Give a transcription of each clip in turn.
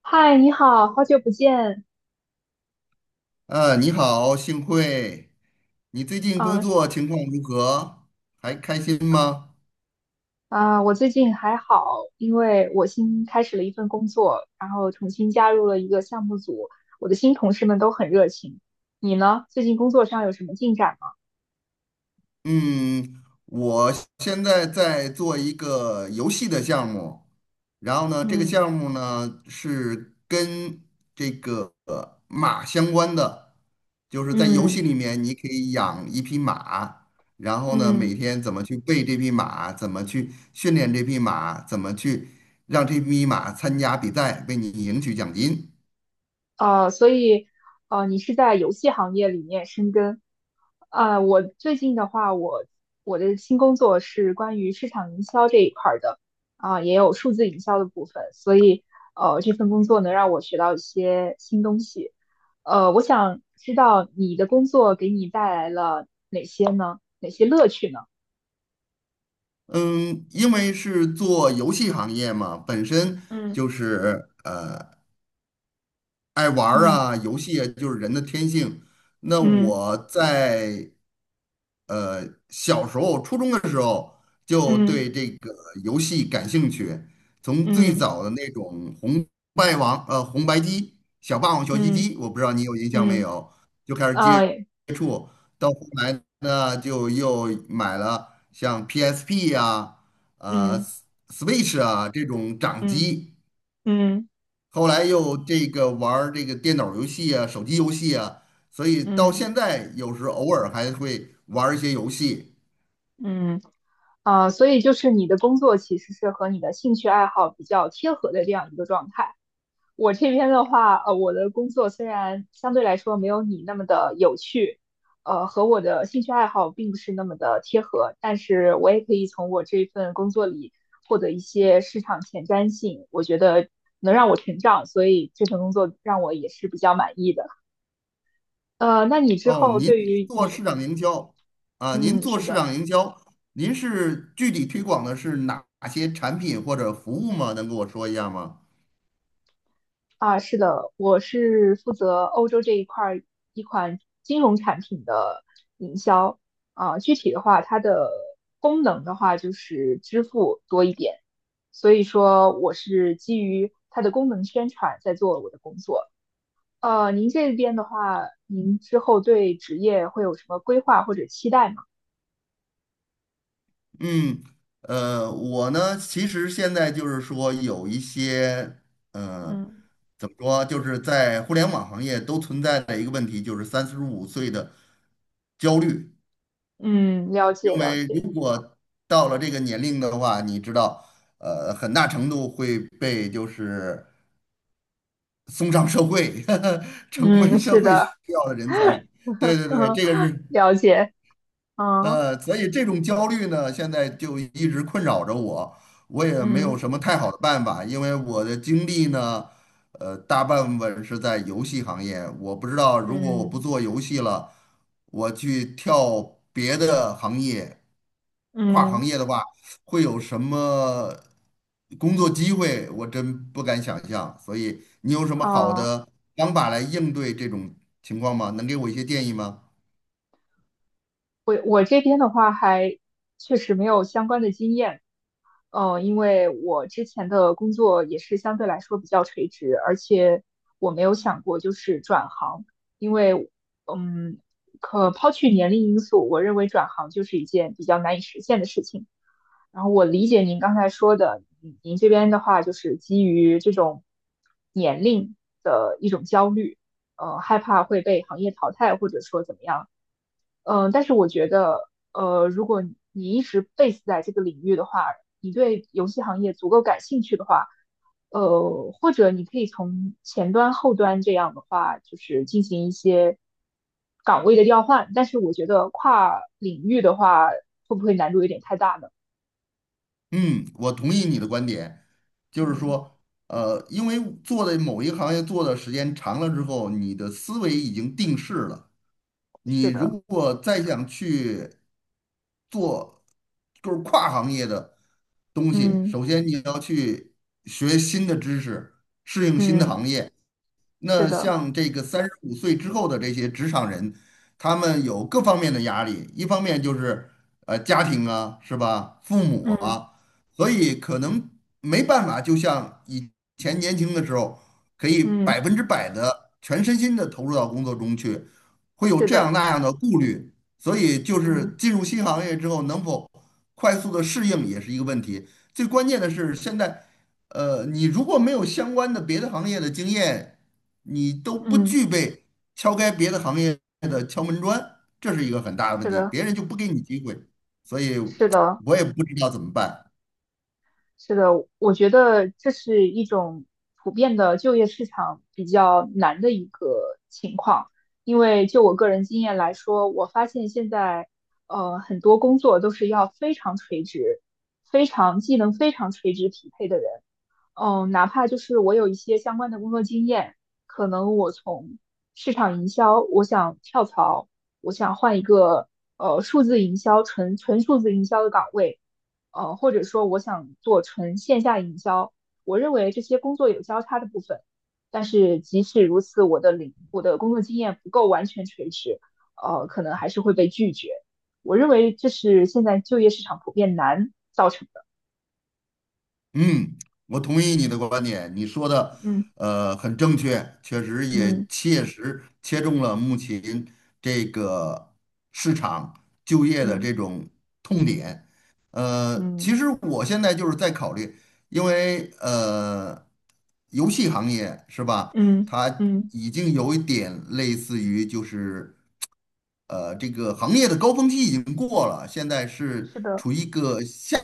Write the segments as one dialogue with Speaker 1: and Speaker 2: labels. Speaker 1: 嗨，你好，好久不见。
Speaker 2: 你好，幸会。你最近
Speaker 1: 嗯、
Speaker 2: 工
Speaker 1: 啊，
Speaker 2: 作情况如何？还开心吗？
Speaker 1: 我最近还好，因为我新开始了一份工作，然后重新加入了一个项目组，我的新同事们都很热情。你呢？最近工作上有什么进展吗？
Speaker 2: 嗯，我现在在做一个游戏的项目，然后呢，这个
Speaker 1: 嗯
Speaker 2: 项目呢是跟马相关的，就是在游戏
Speaker 1: 嗯
Speaker 2: 里面你可以养一匹马，然后呢，每
Speaker 1: 嗯。
Speaker 2: 天怎么去喂这匹马，怎么去训练这匹马，怎么去让这匹马参加比赛，为你赢取奖金。
Speaker 1: 所以你是在游戏行业里面深耕。啊，我最近的话，我的新工作是关于市场营销这一块儿的，啊、也有数字营销的部分，所以这份工作能让我学到一些新东西。我想知道你的工作给你带来了哪些呢？哪些乐趣呢？
Speaker 2: 嗯，因为是做游戏行业嘛，本身就
Speaker 1: 嗯
Speaker 2: 是呃爱玩儿
Speaker 1: 嗯
Speaker 2: 啊，游戏啊，就是人的天性。那
Speaker 1: 嗯
Speaker 2: 我在小时候，初中的时候就对
Speaker 1: 嗯
Speaker 2: 这个游戏感兴趣，从最
Speaker 1: 嗯
Speaker 2: 早的那种红白机、小霸王学习
Speaker 1: 嗯
Speaker 2: 机，我不知道你有印象没
Speaker 1: 嗯
Speaker 2: 有，就开始接
Speaker 1: 呃，
Speaker 2: 触，到后来呢就又买了像 PSP 啊、呃
Speaker 1: 嗯
Speaker 2: Switch 啊这种掌
Speaker 1: 嗯
Speaker 2: 机。
Speaker 1: 嗯
Speaker 2: 后来又这个玩儿这个电脑游戏啊、手机游戏啊，所以到
Speaker 1: 嗯嗯
Speaker 2: 现在有时偶尔还会玩儿一些游戏。
Speaker 1: 嗯。啊，所以就是你的工作其实是和你的兴趣爱好比较贴合的这样一个状态。我这边的话，我的工作虽然相对来说没有你那么的有趣，和我的兴趣爱好并不是那么的贴合，但是我也可以从我这份工作里获得一些市场前瞻性，我觉得能让我成长，所以这份工作让我也是比较满意的。那你之
Speaker 2: 哦，
Speaker 1: 后
Speaker 2: 您
Speaker 1: 对
Speaker 2: 是
Speaker 1: 于
Speaker 2: 做
Speaker 1: 你，
Speaker 2: 市场营销啊，您
Speaker 1: 嗯，
Speaker 2: 做
Speaker 1: 是
Speaker 2: 市
Speaker 1: 的。
Speaker 2: 场营销，您是具体推广的是哪些产品或者服务吗？能跟我说一下吗？
Speaker 1: 啊，是的，我是负责欧洲这一块儿一款金融产品的营销。啊，具体的话，它的功能的话就是支付多一点，所以说我是基于它的功能宣传在做我的工作。您这边的话，您之后对职业会有什么规划或者期待吗？
Speaker 2: 嗯，我呢，其实现在就是说有一些，呃，
Speaker 1: 嗯。
Speaker 2: 怎么说啊，就是在互联网行业都存在的一个问题，就是三十五岁的焦虑。
Speaker 1: 嗯，了
Speaker 2: 因
Speaker 1: 解了
Speaker 2: 为如
Speaker 1: 解。
Speaker 2: 果到了这个年龄的话，你知道，很大程度会被就是送上社会，呵呵成为
Speaker 1: 嗯，
Speaker 2: 社
Speaker 1: 是
Speaker 2: 会需
Speaker 1: 的，
Speaker 2: 要的人才。对 对对，
Speaker 1: 嗯，
Speaker 2: 这个是
Speaker 1: 了解。嗯
Speaker 2: 所以这种焦虑呢，现在就一直困扰着我，我也没有
Speaker 1: 嗯
Speaker 2: 什么太好的办法，因为我的经历呢，大半部分是在游戏行业，我不知道如果我不
Speaker 1: 嗯。
Speaker 2: 做游戏了，我去跳别的行业。跨行
Speaker 1: 嗯
Speaker 2: 业的话，会有什么工作机会？我真不敢想象。所以你有什么好
Speaker 1: 嗯，
Speaker 2: 的方法来应对这种情况吗？能给我一些建议吗？
Speaker 1: 我这边的话还确实没有相关的经验，嗯，因为我之前的工作也是相对来说比较垂直，而且我没有想过就是转行，因为嗯，可抛去年龄因素，我认为转行就是一件比较难以实现的事情。然后我理解您刚才说的，您这边的话就是基于这种年龄的一种焦虑，害怕会被行业淘汰，或者说怎么样。但是我觉得，如果你一直 base 在这个领域的话，你对游戏行业足够感兴趣的话，或者你可以从前端、后端这样的话，就是进行一些岗位的调换。但是我觉得跨领域的话，会不会难度有点太大呢？
Speaker 2: 嗯，我同意你的观点，就是
Speaker 1: 嗯，
Speaker 2: 说，因为做的某一行业做的时间长了之后，你的思维已经定势了。你
Speaker 1: 是的，
Speaker 2: 如果再想去做就是跨行业的东西，
Speaker 1: 嗯
Speaker 2: 首先你要去学新的知识，适应新的
Speaker 1: 嗯
Speaker 2: 行业。
Speaker 1: 是
Speaker 2: 那
Speaker 1: 的，
Speaker 2: 像这个三十五岁之后的这些职场人，他们有各方面的压力，一方面就是家庭啊，是吧？父母
Speaker 1: 嗯
Speaker 2: 啊，所以可能没办法，就像以前年轻的时候，可以百
Speaker 1: 嗯
Speaker 2: 分之百的全身心的投入到工作中去。会有
Speaker 1: 是
Speaker 2: 这样
Speaker 1: 的，
Speaker 2: 那样的顾虑，所以就是
Speaker 1: 嗯
Speaker 2: 进入新行业之后能否快速的适应也是一个问题。最关键的是现在，你如果没有相关的别的行业的经验，你都不
Speaker 1: 嗯
Speaker 2: 具备敲开别的行业的敲门砖，这是一个很大的问
Speaker 1: 是
Speaker 2: 题，
Speaker 1: 的，
Speaker 2: 别人就不给你机会，所以
Speaker 1: 是的。
Speaker 2: 我也不知道怎么办。
Speaker 1: 是的，我觉得这是一种普遍的就业市场比较难的一个情况，因为就我个人经验来说，我发现现在很多工作都是要非常垂直，非常技能非常垂直匹配的人。嗯，哪怕就是我有一些相关的工作经验，可能我从市场营销，我想跳槽，我想换一个数字营销纯数字营销的岗位，或者说我想做纯线下营销，我认为这些工作有交叉的部分，但是即使如此，我的工作经验不够完全垂直，可能还是会被拒绝。我认为这是现在就业市场普遍难造成的。
Speaker 2: 嗯，我同意你的观点，你说的
Speaker 1: 嗯
Speaker 2: 很正确，确实也
Speaker 1: 嗯
Speaker 2: 切实切中了目前这个市场就业的
Speaker 1: 嗯
Speaker 2: 这种痛点。其
Speaker 1: 嗯。
Speaker 2: 实我现在就是在考虑，因为游戏行业是吧，
Speaker 1: 嗯
Speaker 2: 它
Speaker 1: 嗯，
Speaker 2: 已经有一点类似于就是这个行业的高峰期已经过了，现在是
Speaker 1: 是的，
Speaker 2: 处于一个下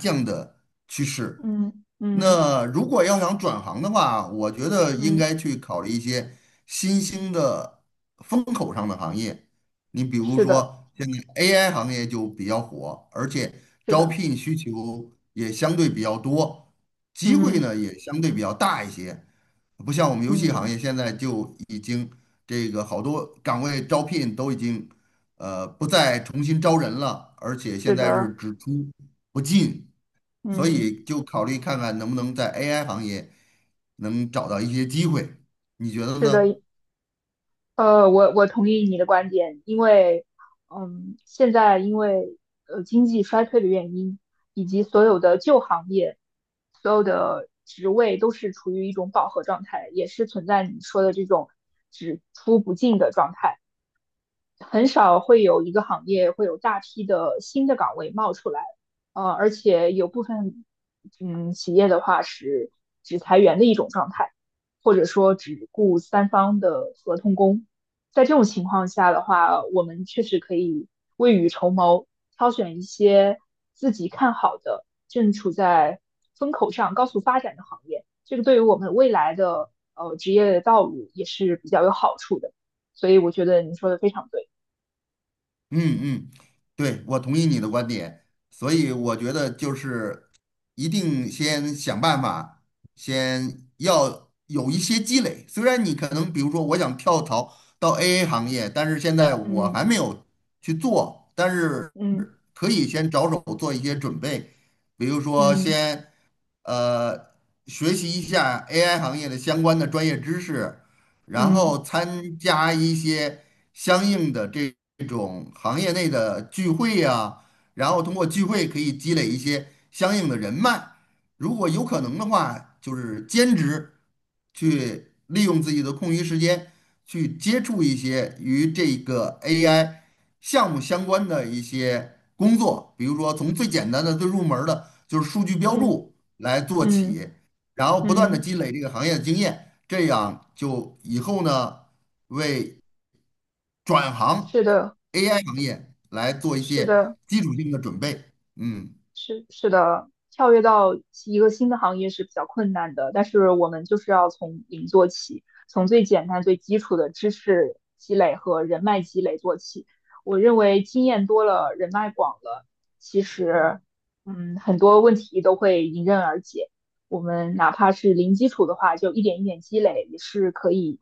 Speaker 2: 降的趋势。
Speaker 1: 嗯嗯
Speaker 2: 那如果要想转行的话，我觉得应
Speaker 1: 嗯，
Speaker 2: 该去考虑一些新兴的风口上的行业。你比如
Speaker 1: 是的，
Speaker 2: 说，现在 AI 行业就比较火，而且
Speaker 1: 是
Speaker 2: 招
Speaker 1: 的，
Speaker 2: 聘需求也相对比较多，机会
Speaker 1: 嗯
Speaker 2: 呢也相对比较大一些。不像我们游戏行
Speaker 1: 嗯，
Speaker 2: 业现在就已经这个好多岗位招聘都已经不再重新招人了，而且现
Speaker 1: 是
Speaker 2: 在是
Speaker 1: 的，
Speaker 2: 只出不进。所
Speaker 1: 嗯
Speaker 2: 以就考虑看看能不能在 AI 行业能找到一些机会，你觉得
Speaker 1: 是的，
Speaker 2: 呢？
Speaker 1: 我同意你的观点，因为，现在因为经济衰退的原因，以及所有的旧行业，所有的职位都是处于一种饱和状态，也是存在你说的这种只出不进的状态。很少会有一个行业会有大批的新的岗位冒出来，而且有部分企业的话是只裁员的一种状态，或者说只雇三方的合同工。在这种情况下的话，我们确实可以未雨绸缪，挑选一些自己看好的、正处在风口上、高速发展的行业。这个对于我们未来的职业道路也是比较有好处的。所以我觉得你说的非常对。
Speaker 2: 嗯嗯，对，我同意你的观点，所以我觉得就是一定先想办法，先要有一些积累。虽然你可能比如说我想跳槽到 AA 行业，但是现在我
Speaker 1: 嗯
Speaker 2: 还没有去做，但是
Speaker 1: 嗯
Speaker 2: 可以先着手做一些准备，比如说
Speaker 1: 嗯
Speaker 2: 先呃学习一下 AI 行业的相关的专业知识。然
Speaker 1: 嗯
Speaker 2: 后参加一些相应的这种行业内的聚会呀、然后通过聚会可以积累一些相应的人脉。如果有可能的话，就是兼职去利用自己的空余时间去接触一些与这个 AI 项目相关的一些工作，比如说从最简单的、最入门儿的，就是数据标
Speaker 1: 嗯
Speaker 2: 注来做
Speaker 1: 嗯
Speaker 2: 起。然后不断
Speaker 1: 嗯，
Speaker 2: 的
Speaker 1: 嗯
Speaker 2: 积累这个行业的经验，这样就以后呢，为转行
Speaker 1: 是的，
Speaker 2: AI 行业来做一
Speaker 1: 是
Speaker 2: 些
Speaker 1: 的。
Speaker 2: 基础性的准备。嗯。
Speaker 1: 是的，跳跃到一个新的行业是比较困难的，但是我们就是要从零做起，从最简单、最基础的知识积累和人脉积累做起。我认为经验多了，人脉广了，其实，很多问题都会迎刃而解。我们哪怕是零基础的话，就一点一点积累，也是可以，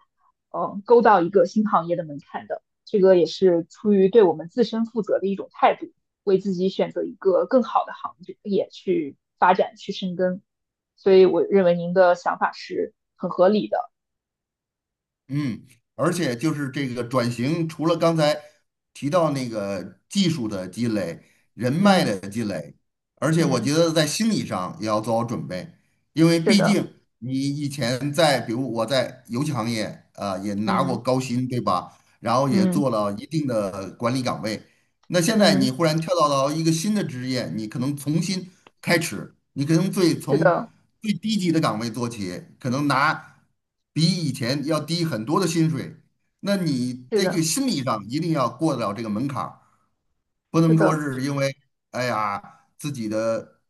Speaker 1: 勾到一个新行业的门槛的。这个也是出于对我们自身负责的一种态度。为自己选择一个更好的行业去发展、去深耕。所以我认为您的想法是很合理的。
Speaker 2: 嗯，而且就是这个转型，除了刚才提到那个技术的积累、人脉
Speaker 1: 嗯
Speaker 2: 的积累，而且我觉
Speaker 1: 嗯
Speaker 2: 得在心理上也要做好准备，因为
Speaker 1: 是
Speaker 2: 毕
Speaker 1: 的，
Speaker 2: 竟你以前在，比如我在游戏行业啊、也拿过
Speaker 1: 嗯
Speaker 2: 高薪，对吧？然后也
Speaker 1: 嗯
Speaker 2: 做了一定的管理岗位，那现在你
Speaker 1: 嗯
Speaker 2: 忽然跳到了一个新的职业，你可能重新开始，你可能最
Speaker 1: 是
Speaker 2: 从
Speaker 1: 的，
Speaker 2: 最低级的岗位做起，可能拿比以前要低很多的薪水。那你
Speaker 1: 是
Speaker 2: 这个
Speaker 1: 的，
Speaker 2: 心理上一定要过得了这个门槛儿，不
Speaker 1: 是
Speaker 2: 能说
Speaker 1: 的，
Speaker 2: 是因为哎呀自己的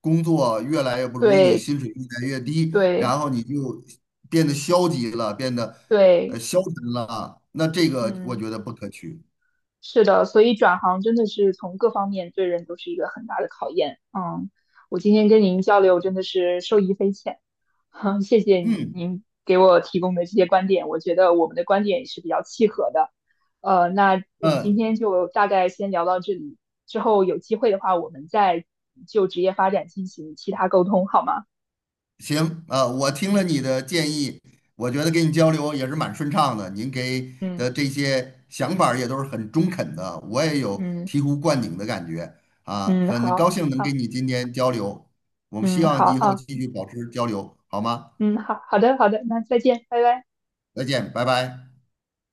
Speaker 2: 工作越来越不如意，
Speaker 1: 对
Speaker 2: 薪水越来越低，
Speaker 1: 对
Speaker 2: 然后你就变得消极了，变得
Speaker 1: 对，
Speaker 2: 消沉了。那这个我
Speaker 1: 嗯。
Speaker 2: 觉得不可取。
Speaker 1: 是的，所以转行真的是从各方面对人都是一个很大的考验。嗯，我今天跟您交流真的是受益匪浅，哼，谢谢
Speaker 2: 嗯
Speaker 1: 您给我提供的这些观点，我觉得我们的观点也是比较契合的。那我
Speaker 2: 嗯，
Speaker 1: 们今天就大概先聊到这里，之后有机会的话，我们再就职业发展进行其他沟通，好吗？
Speaker 2: 行，我听了
Speaker 1: 嗯
Speaker 2: 你的建议，我觉得跟你交流也是蛮顺畅的。您给
Speaker 1: 嗯
Speaker 2: 的这些想法儿也都是很中肯的，我也有
Speaker 1: 嗯
Speaker 2: 醍醐灌顶的感觉啊，
Speaker 1: 嗯，
Speaker 2: 很高
Speaker 1: 好
Speaker 2: 兴能
Speaker 1: 好，
Speaker 2: 跟你今天交流。我们希
Speaker 1: 嗯
Speaker 2: 望
Speaker 1: 好
Speaker 2: 以后
Speaker 1: 啊，
Speaker 2: 继续保持交流，好吗？
Speaker 1: 嗯好好的好的，那再见，拜拜。
Speaker 2: 再见，拜拜。